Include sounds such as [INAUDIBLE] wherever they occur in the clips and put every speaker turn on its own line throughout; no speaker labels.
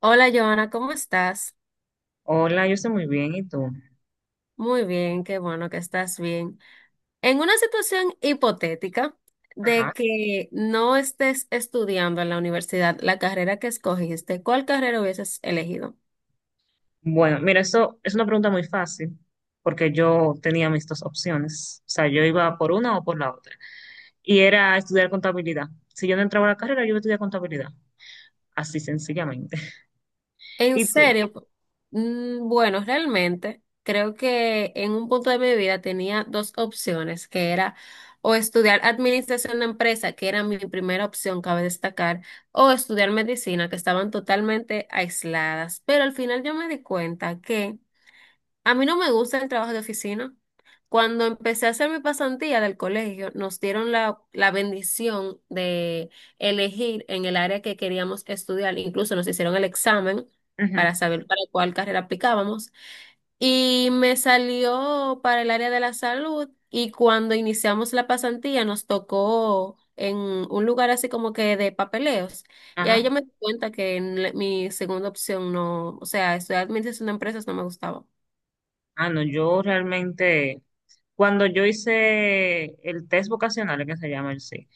Hola, Joana, ¿cómo estás?
Hola, yo estoy muy bien, ¿y tú?
Muy bien, qué bueno que estás bien. En una situación hipotética de
Ajá.
que no estés estudiando en la universidad la carrera que escogiste, ¿cuál carrera hubieses elegido?
Bueno, mira, eso es una pregunta muy fácil, porque yo tenía mis dos opciones. O sea, yo iba por una o por la otra. Y era estudiar contabilidad. Si yo no entraba a la carrera, yo iba a estudiar contabilidad. Así sencillamente. [LAUGHS]
En
¿Y tú?
serio, bueno, realmente creo que en un punto de mi vida tenía dos opciones, que era o estudiar administración de empresa, que era mi primera opción, cabe destacar, o estudiar medicina, que estaban totalmente aisladas. Pero al final yo me di cuenta que a mí no me gusta el trabajo de oficina. Cuando empecé a hacer mi pasantía del colegio, nos dieron la bendición de elegir en el área que queríamos estudiar. Incluso nos hicieron el examen
Ujú.
para saber para cuál carrera aplicábamos. Y me salió para el área de la salud. Y cuando iniciamos la pasantía, nos tocó en un lugar así como que de papeleos. Y ahí
Ajá.
yo me di cuenta que mi segunda opción no, o sea, estudiar administración de empresas no me gustaba.
Ah, no, yo realmente, cuando yo hice el test vocacional, que se llama el sí,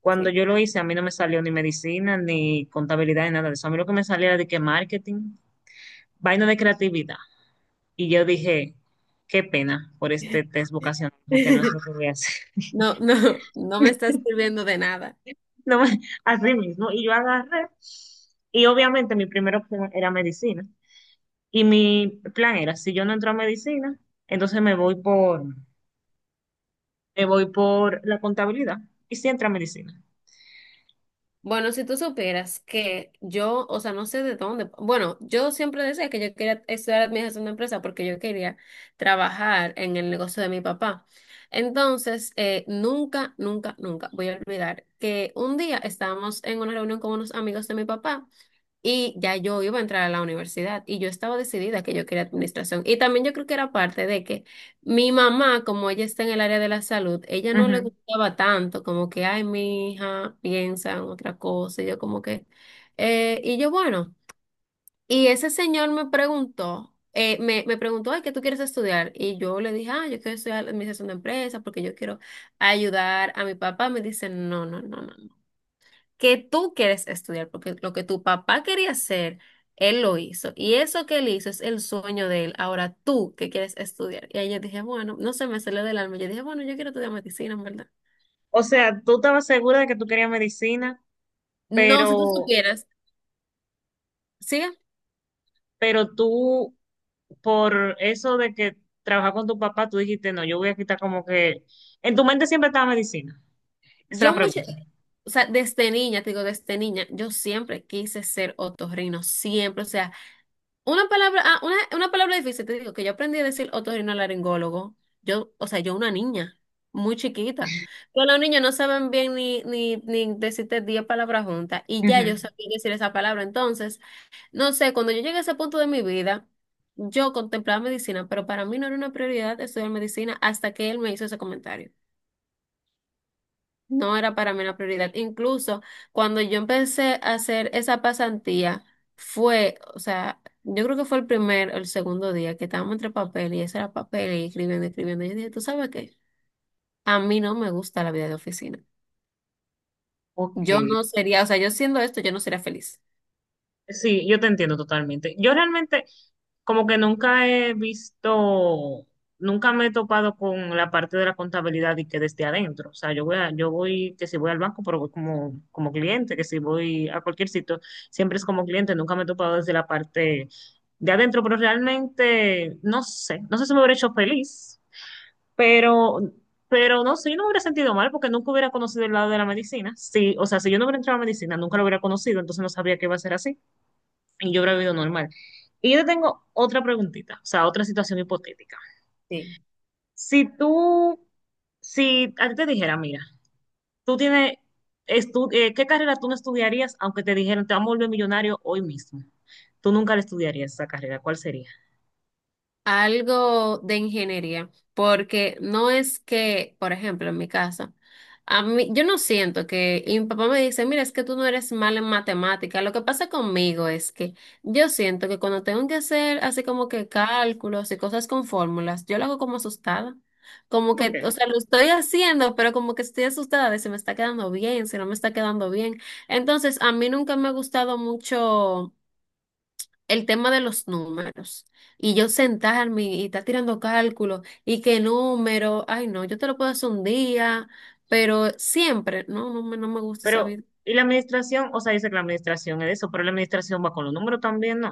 cuando
Sí.
yo lo hice, a mí no me salió ni medicina, ni contabilidad, ni nada de eso. A mí lo que me salía era de que marketing, vaina de creatividad. Y yo dije, qué pena por este test
[LAUGHS]
vocacional, porque no es lo que voy a hacer. [LAUGHS]
No, no, no me estás sirviendo de nada.
No me- Así mismo. Y yo agarré, y obviamente mi primera opción era medicina. Y mi plan era, si yo no entro a medicina, entonces me voy por la contabilidad. Y si entra a medicina.
Bueno, si tú supieras que yo, o sea, no sé de dónde, bueno, yo siempre decía que yo quería estudiar administración de empresa porque yo quería trabajar en el negocio de mi papá. Entonces, nunca, nunca, nunca voy a olvidar que un día estábamos en una reunión con unos amigos de mi papá y ya yo iba a entrar a la universidad y yo estaba decidida que yo quería administración. Y también yo creo que era parte de que mi mamá, como ella está en el área de la salud, ella no le
Ujú.
gustaba tanto, como que, ay, mi hija piensa en otra cosa, y yo como que, bueno, y ese señor me preguntó, me preguntó, ay, ¿qué tú quieres estudiar? Y yo le dije, ah, yo quiero estudiar administración de empresas porque yo quiero ayudar a mi papá. Me dice, no, no, no, no que tú quieres estudiar, porque lo que tu papá quería hacer, él lo hizo. Y eso que él hizo es el sueño de él. Ahora tú que quieres estudiar. Y ahí yo dije, bueno, no se me salió del alma. Yo dije, bueno, yo quiero estudiar medicina, en verdad.
O sea, tú estabas segura de que tú querías medicina,
No, si tú
pero,
supieras, sí,
pero tú, por eso de que trabajar con tu papá, tú dijiste, no, yo voy a quitar como que... En tu mente siempre estaba medicina. Esa es la
yo mucho,
pregunta.
o sea, desde niña, te digo, desde niña, yo siempre quise ser otorrino, siempre, o sea. Una palabra, una palabra difícil, te digo, que yo aprendí a decir otorrinolaringólogo. Yo, o sea, yo una niña, muy chiquita. Pero los niños no saben bien ni decirte 10 palabras juntas. Y ya
Ujú.
yo sabía decir esa palabra. Entonces, no sé, cuando yo llegué a ese punto de mi vida, yo contemplaba medicina, pero para mí no era una prioridad estudiar medicina hasta que él me hizo ese comentario. No era para mí una prioridad. Incluso cuando yo empecé a hacer esa pasantía, fue, o sea, yo creo que fue el primer o el segundo día que estábamos entre papel y eso era papel y escribiendo, escribiendo. Y yo dije, ¿tú sabes qué? A mí no me gusta la vida de oficina.
Ok.
Yo no sería, o sea, yo siendo esto, yo no sería feliz.
Sí, yo te entiendo totalmente. Yo realmente como que nunca he visto, nunca me he topado con la parte de la contabilidad y que desde adentro. O sea, yo voy, que si voy al banco, pero voy como, como cliente, que si voy a cualquier sitio, siempre es como cliente, nunca me he topado desde la parte de adentro, pero realmente no sé, no sé si me hubiera hecho feliz. Pero, pero no sé, yo no me hubiera sentido mal porque nunca hubiera conocido el lado de la medicina. Sí, o sea, si yo no hubiera entrado a medicina, nunca lo hubiera conocido, entonces no sabría que iba a ser así y yo hubiera vivido normal. Y yo te tengo otra preguntita, o sea, otra situación hipotética.
Sí.
Si tú, si a ti te dijera, mira, tú tienes, ¿qué carrera tú no estudiarías aunque te dijeran te vamos a volver millonario hoy mismo? Tú nunca le estudiarías esa carrera, ¿cuál sería?
Algo de ingeniería, porque no es que, por ejemplo, en mi casa, a mí, yo no siento que, y mi papá me dice, mira, es que tú no eres mal en matemática. Lo que pasa conmigo es que yo siento que cuando tengo que hacer así como que cálculos y cosas con fórmulas, yo lo hago como asustada. Como
¿Por
que,
qué?
o sea, lo estoy haciendo, pero como que estoy asustada de si me está quedando bien, si no me está quedando bien. Entonces, a mí nunca me ha gustado mucho el tema de los números y yo sentarme y estar tirando cálculos y qué número, ay no, yo te lo puedo hacer un día, pero siempre, no, no me gusta
Pero,
saber.
y la administración, o sea, dice que la administración es eso, pero la administración va con los números también, ¿no?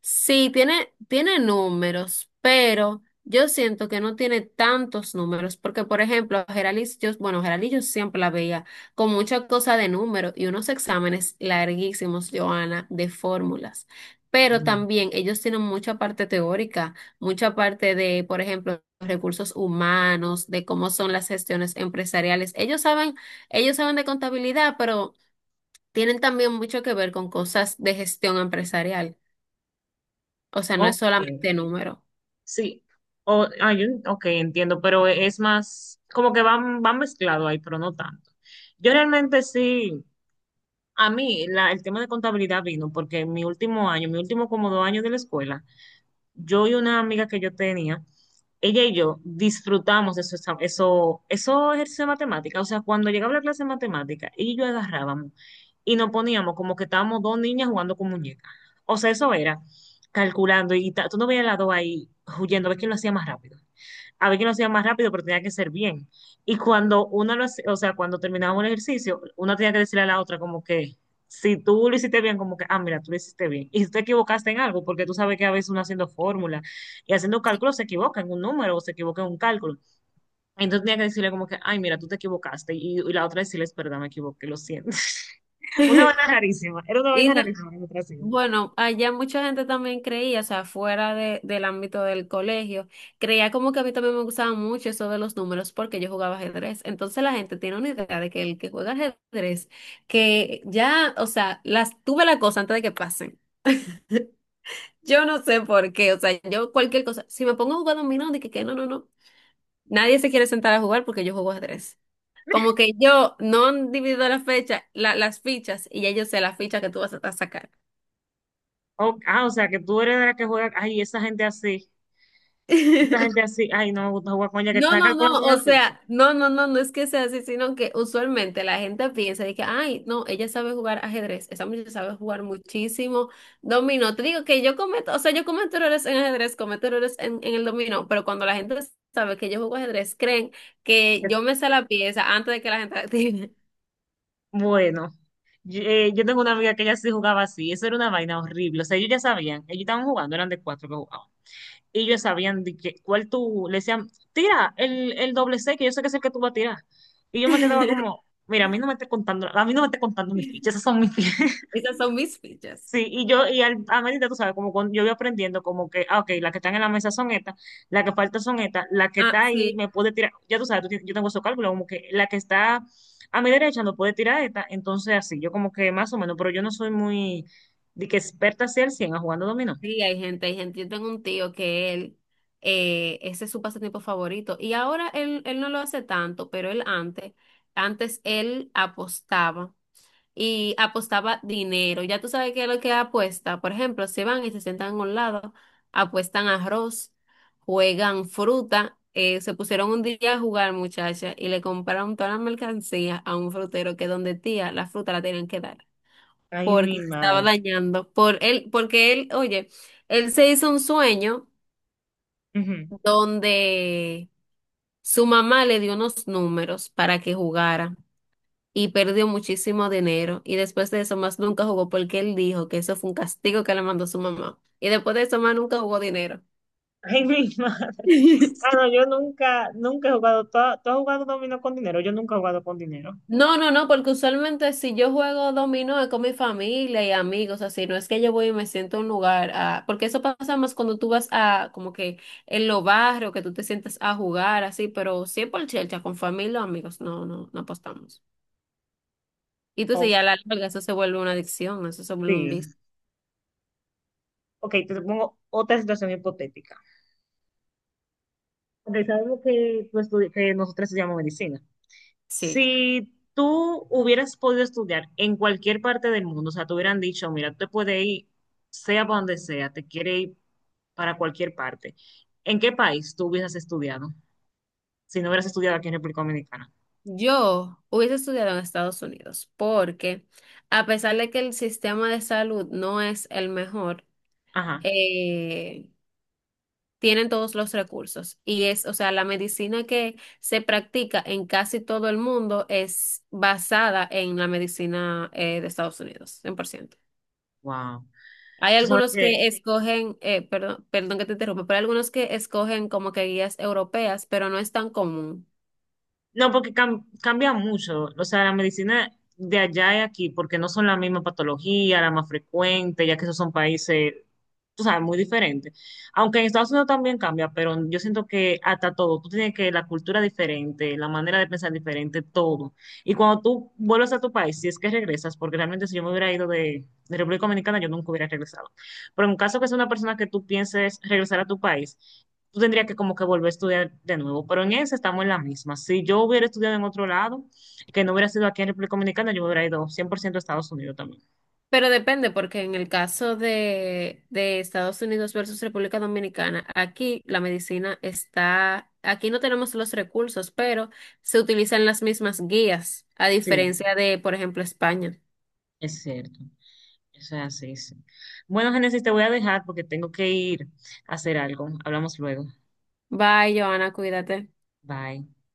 Sí, tiene, tiene números, pero yo siento que no tiene tantos números, porque por ejemplo, a Geralis, yo, bueno, Geralis yo siempre la veía con muchas cosas de números y unos exámenes larguísimos, Joana, de fórmulas. Pero
Mm.
también ellos tienen mucha parte teórica, mucha parte de, por ejemplo, recursos humanos, de cómo son las gestiones empresariales. Ellos saben de contabilidad, pero tienen también mucho que ver con cosas de gestión empresarial. O sea, no es
Ok,
solamente número.
sí. Ok, entiendo, pero es más, como que van, van mezclado ahí, pero no tanto. Yo realmente sí, a mí el tema de contabilidad vino porque en mi último año, mi último como dos años de la escuela, yo y una amiga que yo tenía, ella y yo disfrutamos de eso, eso ejercicio de matemática. O sea, cuando llegaba la clase de matemática, ella y yo agarrábamos y nos poníamos como que estábamos dos niñas jugando con muñecas. O sea, eso era calculando y tú no veías las dos ahí huyendo, a ver quién lo hacía más rápido. A ver quién lo hacía más rápido, pero tenía que ser bien. Y cuando una lo hacía, o sea, cuando terminábamos el ejercicio, una tenía que decirle a la otra como que si tú lo hiciste bien, como que, ah, mira, tú lo hiciste bien. Y si te equivocaste en algo, porque tú sabes que a veces uno haciendo fórmula y haciendo cálculos se equivoca en un número o se equivoca en un cálculo. Entonces tenía que decirle como que, ay, mira, tú te equivocaste. Y la otra decirle, es verdad, me equivoqué, lo siento. [LAUGHS] Una vaina rarísima, era una
[LAUGHS] Y
vaina
no-
rarísima. La otra sí.
bueno, allá mucha gente también creía, o sea, fuera de, del ámbito del colegio, creía como que a mí también me gustaba mucho eso de los números porque yo jugaba ajedrez. Entonces la gente tiene una idea de que el que juega ajedrez, que ya, o sea, las tuve la cosa antes de que pasen. Yo no sé por qué, o sea, yo cualquier cosa, si me pongo a jugar dominó, dije que no, no, no, nadie se quiere sentar a jugar porque yo juego ajedrez. Como que yo no divido las fichas, y ya yo sé la ficha que tú vas a sacar.
O sea, que tú eres de la que juega, ay, esa gente
[LAUGHS]
así, ay, no me gusta jugar con ella, que
No,
está
no, no,
calculando
o
la ficha.
sea, no, no, no, no es que sea así, sino que usualmente la gente piensa de que, ay, no, ella sabe jugar ajedrez, esa muchacha sabe jugar muchísimo dominó. Te digo que yo cometo, o sea, yo cometo errores en ajedrez, cometo errores en el dominó, pero cuando la gente sabe que yo juego ajedrez, creen que yo me sé la pieza antes de que la gente la tire.
Bueno, yo tengo una amiga que ella sí jugaba así, eso era una vaina horrible, o sea, ellos ya sabían, ellos estaban jugando, eran de cuatro que jugaban, y ellos sabían de que, cuál tú, le decían, tira el doble C, que yo sé que es el que tú vas a tirar, y yo me quedaba como,
[LAUGHS]
mira, a mí no me estés contando, a mí no me estés contando mis fichas, esas son mis fichas.
Esas son mis fichas.
Sí, a medida, tú sabes, como cuando yo voy aprendiendo, como que, ah, ok, las que están en la mesa son estas, las que faltan son estas, la que
Ah,
está ahí
sí.
me puede tirar, ya tú sabes, yo tengo esos cálculos, como que la que está a mi derecha no puede tirar esta, entonces así, yo como que más o menos, pero yo no soy muy, de que experta hacia el cien a jugando dominó.
Sí, hay gente, hay gente. Yo tengo un tío que él, ese es su pasatiempo favorito. Y ahora él, él no lo hace tanto, pero él antes, antes él apostaba y apostaba dinero. Ya tú sabes qué es lo que apuesta. Por ejemplo, se van y se sientan a un lado, apuestan arroz, juegan fruta. Se pusieron un día a jugar, muchacha, y le compraron toda la mercancía a un frutero que donde tía la fruta la tenían que dar
Ay, mi
porque se estaba
madre.
dañando. Por él, porque él, oye, él se hizo un sueño
Ujú.
donde su mamá le dio unos números para que jugara y perdió muchísimo dinero. Y después de eso, más nunca jugó porque él dijo que eso fue un castigo que le mandó su mamá. Y después de eso, más nunca jugó dinero.
Ay, mi madre.
[LAUGHS]
Ah, no, yo nunca, nunca he jugado, ¿ tú has jugado dominó con dinero? Yo nunca he jugado con dinero.
No, no, no, porque usualmente si yo juego dominó es con mi familia y amigos, así, no es que yo voy y me siento en un lugar, ah, porque eso pasa más cuando tú vas a, como que en los barrios, que tú te sientas a jugar, así, pero siempre el chelcha con familia o amigos, no, no, no apostamos. Y tú sí,
Ok,
a la larga eso se vuelve una adicción, eso se vuelve un vicio.
sí. Ok, te pongo otra situación hipotética. Porque sabemos que pues, que nosotros estudiamos medicina.
Sí,
Si tú hubieras podido estudiar en cualquier parte del mundo, o sea, te hubieran dicho, mira, tú te puedes ir, sea para donde sea, te quiere ir para cualquier parte. ¿En qué país tú hubieras estudiado? Si no hubieras estudiado aquí en República Dominicana.
yo hubiese estudiado en Estados Unidos, porque a pesar de que el sistema de salud no es el mejor,
Ajá.
eh, tienen todos los recursos. Y es, o sea, la medicina que se practica en casi todo el mundo es basada en la medicina de Estados Unidos, 100%.
Wow.
Hay
Tú sabes
algunos
que
que escogen, perdón, perdón que te interrumpa, pero hay algunos que escogen como que guías europeas, pero no es tan común.
no, porque cambia mucho. O sea, la medicina de allá y aquí, porque no son la misma patología, la más frecuente, ya que esos son países, tú sabes, muy diferentes. Aunque en Estados Unidos también cambia, pero yo siento que hasta todo, tú tienes que la cultura diferente, la manera de pensar diferente, todo. Y cuando tú vuelves a tu país, si es que regresas, porque realmente si yo me hubiera ido de República Dominicana, yo nunca hubiera regresado. Pero en caso que sea una persona que tú pienses regresar a tu país, tú tendrías que como que volver a estudiar de nuevo, pero en eso estamos en la misma. Si yo hubiera estudiado en otro lado, que no hubiera sido aquí en República Dominicana, yo me hubiera ido 100% a Estados Unidos también.
Pero depende, porque en el caso de Estados Unidos versus República Dominicana, aquí la medicina está, aquí no tenemos los recursos, pero se utilizan las mismas guías, a
Sí,
diferencia de, por ejemplo, España.
es cierto. Eso es así, sí. Bueno, Génesis, te voy a dejar porque tengo que ir a hacer algo. Hablamos luego.
Bye, Joana, cuídate.
Bye.